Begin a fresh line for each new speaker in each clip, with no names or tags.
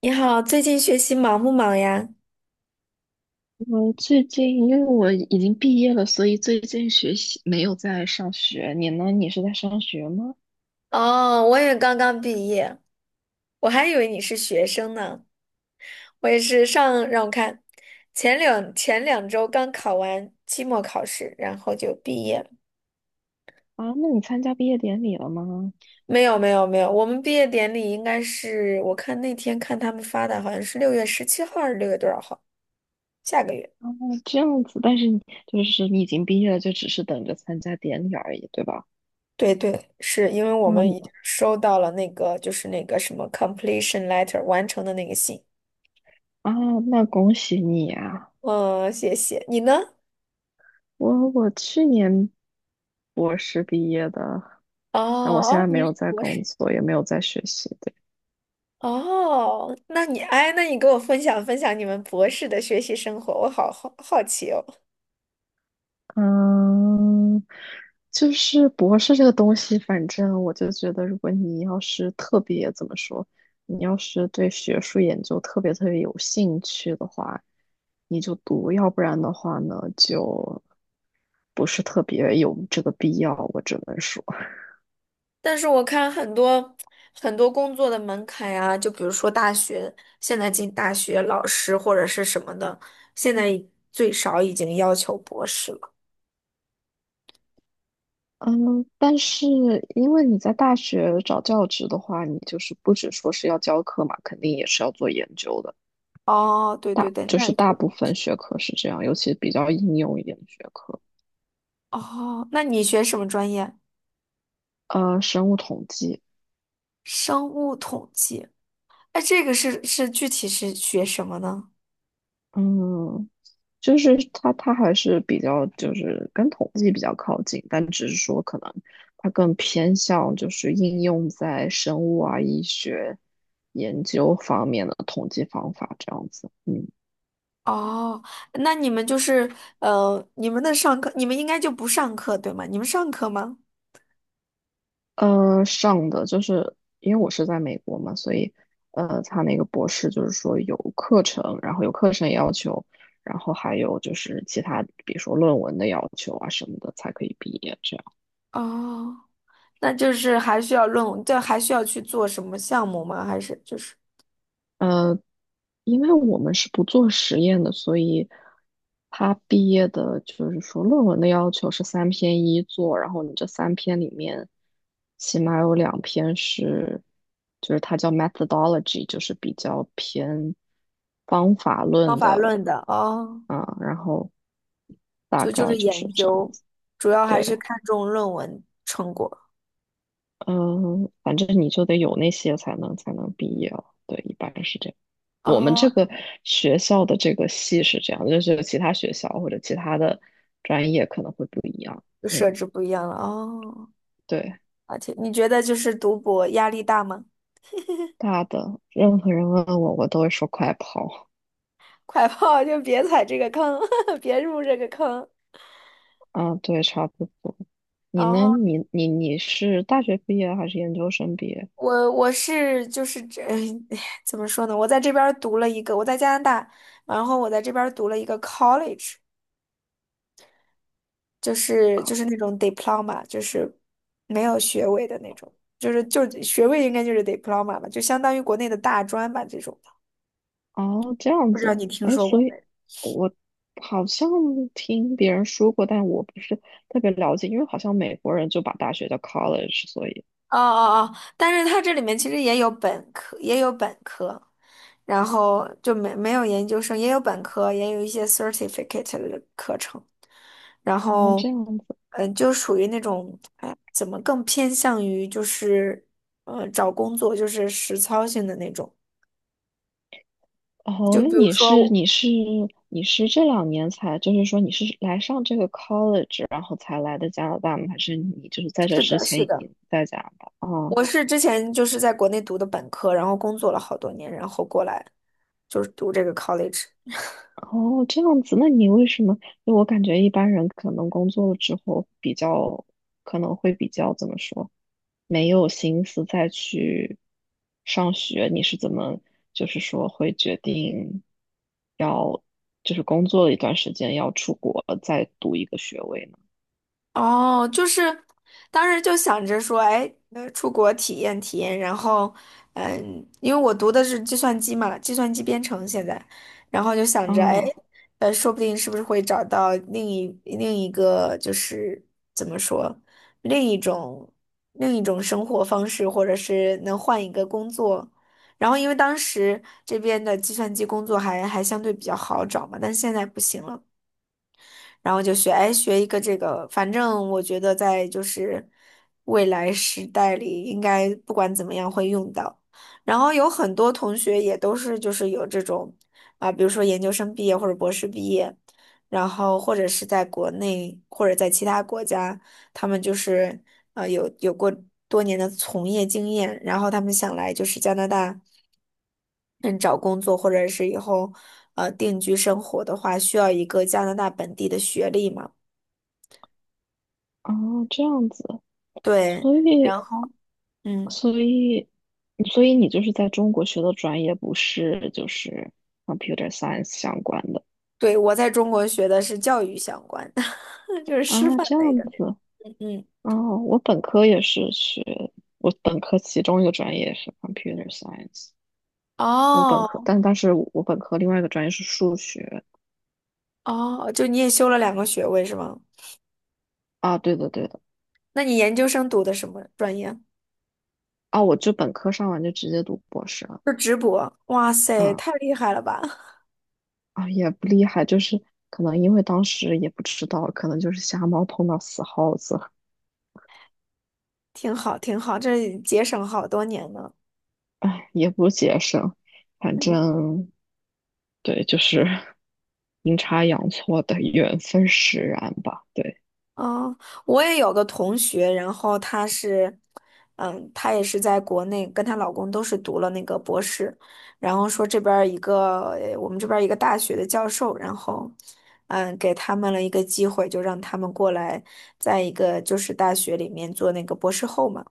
你好，最近学习忙不忙呀？
我最近因为我已经毕业了，所以最近学习没有在上学。你呢？你是在上学吗？
哦，我也刚刚毕业，我还以为你是学生呢。我也是上，让我看，前两周刚考完期末考试，然后就毕业了。
啊，那你参加毕业典礼了吗？
没有没有没有，我们毕业典礼应该是，我看那天看他们发的，好像是六月十七号还是六月多少号？下个月。
哦，这样子，但是你你已经毕业了，就只是等着参加典礼而已，对吧？
对对，是因为我们已经
啊
收到了那个就是那个 completion letter 完成的那个信。
啊，那恭喜你啊！
嗯，谢谢。你呢？
我去年博士毕业的，
哦
那我现
哦,
在没
你
有
是
在
博士。
工作，也没有在学习。对。
哦，那你哎，那你给我分享分享你们博士的学习生活，我好好奇哦。
嗯，就是博士这个东西，反正我就觉得，如果你要是特别怎么说，你要是对学术研究特别有兴趣的话，你就读；要不然的话呢，就不是特别有这个必要。我只能说，
但是我看很多工作的门槛呀、就比如说大学，现在进大学老师或者是什么的，现在已最少已经要求博士了。
嗯，但是因为你在大学找教职的话，你就是不只说是要教课嘛，肯定也是要做研究的。
哦，对对
大
对，
就
那
是
也确
大
实。
部分学科是这样，尤其比较应用一点的学科。
哦，那你学什么专业？
呃，生物统计。
生物统计。哎，这个具体是学什么呢？
嗯，就是它还是比较就是跟统计比较靠近，但只是说可能它更偏向就是应用在生物啊、医学研究方面的统计方法这样子。嗯，
哦，那你们就是你们的上课，你们应该就不上课，对吗？你们上课吗？
呃，上的就是因为我是在美国嘛，所以他那个博士就是说有课程，然后有课程要求，然后还有就是其他比如说论文的要求啊什么的才可以毕业这样。
哦，那就是还需要论文，这还需要去做什么项目吗？还是就是
呃，因为我们是不做实验的，所以他毕业的就是说论文的要求是三篇一作，然后你这三篇里面起码有两篇是，就是它叫 methodology，就是比较偏方法
方
论
法
的
论的？哦，
啊，然后大
就就
概
是
就是
研
这样
究，
子。
主要还是
对，
看重论文成果。
嗯，反正你就得有那些才能毕业了，对，一般是这样。我们这
哦，
个学校的这个系是这样，就是其他学校或者其他的专业可能会不一样。
就设
嗯，
置不一样了。哦，
对，
而且你觉得就是读博压力大吗？
大的，任何人问我，我都会说快跑。
快跑，就别踩这个坑，别入这个坑。
啊，对，差不多。你呢？
哦。
你是大学毕业还是研究生毕业？
我是 怎么说呢？我在这边儿读了一个，我在加拿大，然后我在这边儿读了一个 college，就是就
考
是那种 diploma，就是没有学位的那种，就是学位应该就是 diploma 吧，就相当于国内的大专吧这种的。
哦，这样
不知道
子。
你听
哎，
说
所
过
以
没？
我好像听别人说过，但我不是特别了解，因为好像美国人就把大学叫 college，所以
哦，但是它这里面其实也有本科，也有本科，然后就没没有研究生，也有本科，也有一些 certificate 的课程，然
哦，
后，
这样子。
嗯、就属于那种，哎，怎么更偏向于就是，找工作就是实操性的那种，
哦，
就
那
比如
你
说
是
我，
你是你是这两年才，就是说你是来上这个 college，然后才来的加拿大吗？还是你就是在这
是
之
的，
前
是
已
的，
经在加拿大？啊，
我是之前就是在国内读的本科，然后工作了好多年，然后过来就是读这个 college。
哦，这样子，那你为什么？就我感觉一般人可能工作了之后比较，可能会比较怎么说，没有心思再去上学。你是怎么，就是说会决定要，就是工作了一段时间要出国再读一个学位呢？
哦，就是当时就想着说，哎，出国体验体验，然后，嗯，因为我读的是计算机嘛，计算机编程现在，然后就想着，哎，
啊。
说不定是不是会找到另一个，就是怎么说，另一种另一种生活方式，或者是能换一个工作。然后，因为当时这边的计算机工作还相对比较好找嘛，但是现在不行了。然后就学，哎，学一个这个，反正我觉得在就是未来时代里，应该不管怎么样会用到。然后有很多同学也都是就是有这种啊，比如说研究生毕业或者博士毕业，然后或者是在国内或者在其他国家。他们就是有过多年的从业经验，然后他们想来就是加拿大，嗯，找工作或者是以后定居生活的话，需要一个加拿大本地的学历嘛？
哦，这样子，
对，
所以，
然后嗯，
所以，所以你就是在中国学的专业不是就是 computer science 相关的
对，我在中国学的是教育相关的，就是师
啊？
范
这
类
样
的，
子，
嗯，
哦，我本科也是学，我本科其中一个专业是 computer science，我本科，
哦
但是我本科另外一个专业是数学
哦，就你也修了两个学位是吗？
啊，对的对的
那你研究生读的什么专业？
啊，我就本科上完就直接读博士了，
就直博，哇塞，
嗯
太厉害了吧！
啊，也不厉害，就是可能因为当时也不知道，可能就是瞎猫碰到死耗子。
挺好，挺好，这节省好多年呢。
哎，也不节省，反
嗯，
正对，就是 阴差阳错的缘分使然吧。对，
哦，我也有个同学，然后她是，嗯，她也是在国内，跟她老公都是读了那个博士，然后说这边儿一个，我们这边儿一个大学的教授，然后，嗯，给他们了一个机会，就让他们过来，在一个就是大学里面做那个博士后嘛。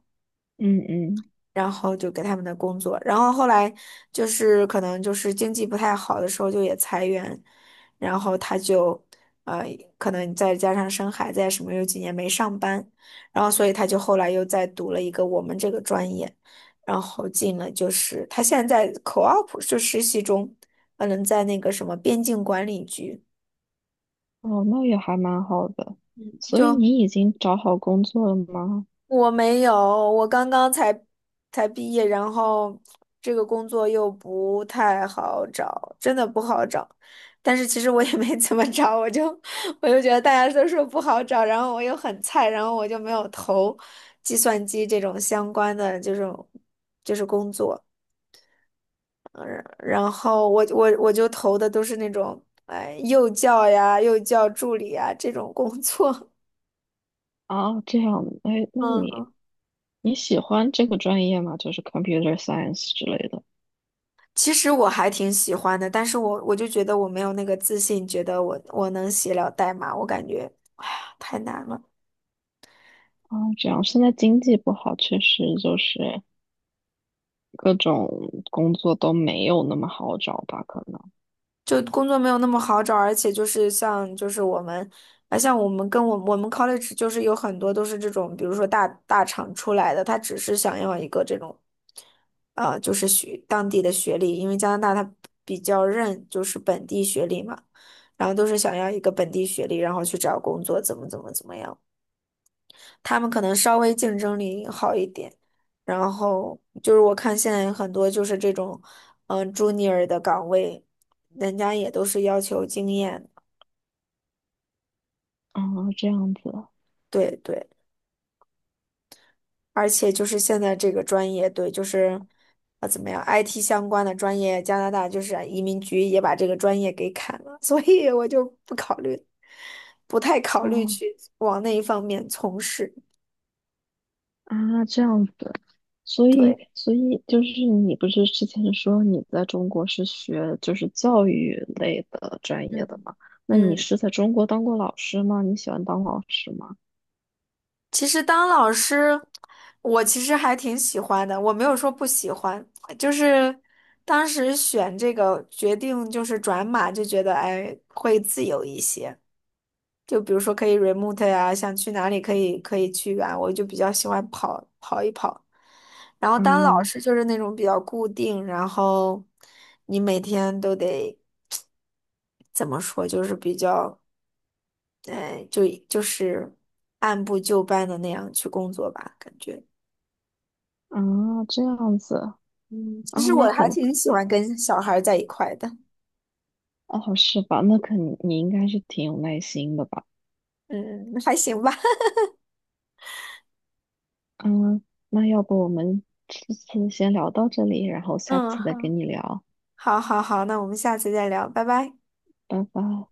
嗯嗯，
然后就给他们的工作，然后后来就是可能就是经济不太好的时候就也裁员，然后他就呃可能再加上生孩子呀什么，有几年没上班，然后所以他就后来又再读了一个我们这个专业，然后进了就是他现在在 co-op 就实习中，嗯，在那个什么边境管理局。
哦，那也还蛮好的。所以
就。
你已经找好工作了吗？
我没有，我刚刚才才毕业，然后这个工作又不太好找，真的不好找。但是其实我也没怎么找，我就 我就觉得大家都说不好找，然后我又很菜，然后我就没有投计算机这种相关的这种就是工作。嗯，然后我就投的都是那种哎幼教呀、幼教助理呀这种工作。
啊，这样，哎，那
嗯
你
嗯
你喜欢这个专业吗？就是 computer science 之类的。
其实我还挺喜欢的，但是我就觉得我没有那个自信，觉得我能写了代码，我感觉，哎呀，太难了，
啊，这样，现在经济不好，确实就是各种工作都没有那么好找吧？可能。
就工作没有那么好找，而且就是像就是我们，啊，像我们跟我们 college 就是有很多都是这种，比如说大厂出来的，他只是想要一个这种，就是学当地的学历，因为加拿大它比较认就是本地学历嘛，然后都是想要一个本地学历，然后去找工作，怎么样。他们可能稍微竞争力好一点。然后就是我看现在很多就是这种，嗯，junior 的岗位，人家也都是要求经验的，
啊，这样子。
对对，而且就是现在这个专业，对，就是啊怎么样，IT 相关的专业，加拿大就是啊移民局也把这个专业给砍了，所以我就不考虑，不太考虑
哦
去往那一方面从事，
啊，这样子，所以，
对，
所以就是你不是之前说你在中国是学就是教育类的专业的
嗯
吗？那你
嗯。
是在中国当过老师吗？你喜欢当老师吗？
其实当老师，我其实还挺喜欢的，我没有说不喜欢，就是当时选这个决定就是转码，就觉得哎会自由一些，就比如说可以 remote 呀、想去哪里可以可以去啊，我就比较喜欢跑一跑。然后当老
嗯
师就是那种比较固定，然后你每天都得怎么说，就是比较，哎，就就是按部就班的那样去工作吧，感觉。
啊，这样子
嗯，其
啊，
实
那
我还
很
挺喜欢跟小孩儿在一块的。
哦，是吧？那肯你应该是挺有耐心的吧？
嗯，还行吧。
嗯，那要不我们这次先聊到这里，然后下
嗯，
次再
好，
跟你聊，
好，好，好，那我们下次再聊，拜拜。
拜拜。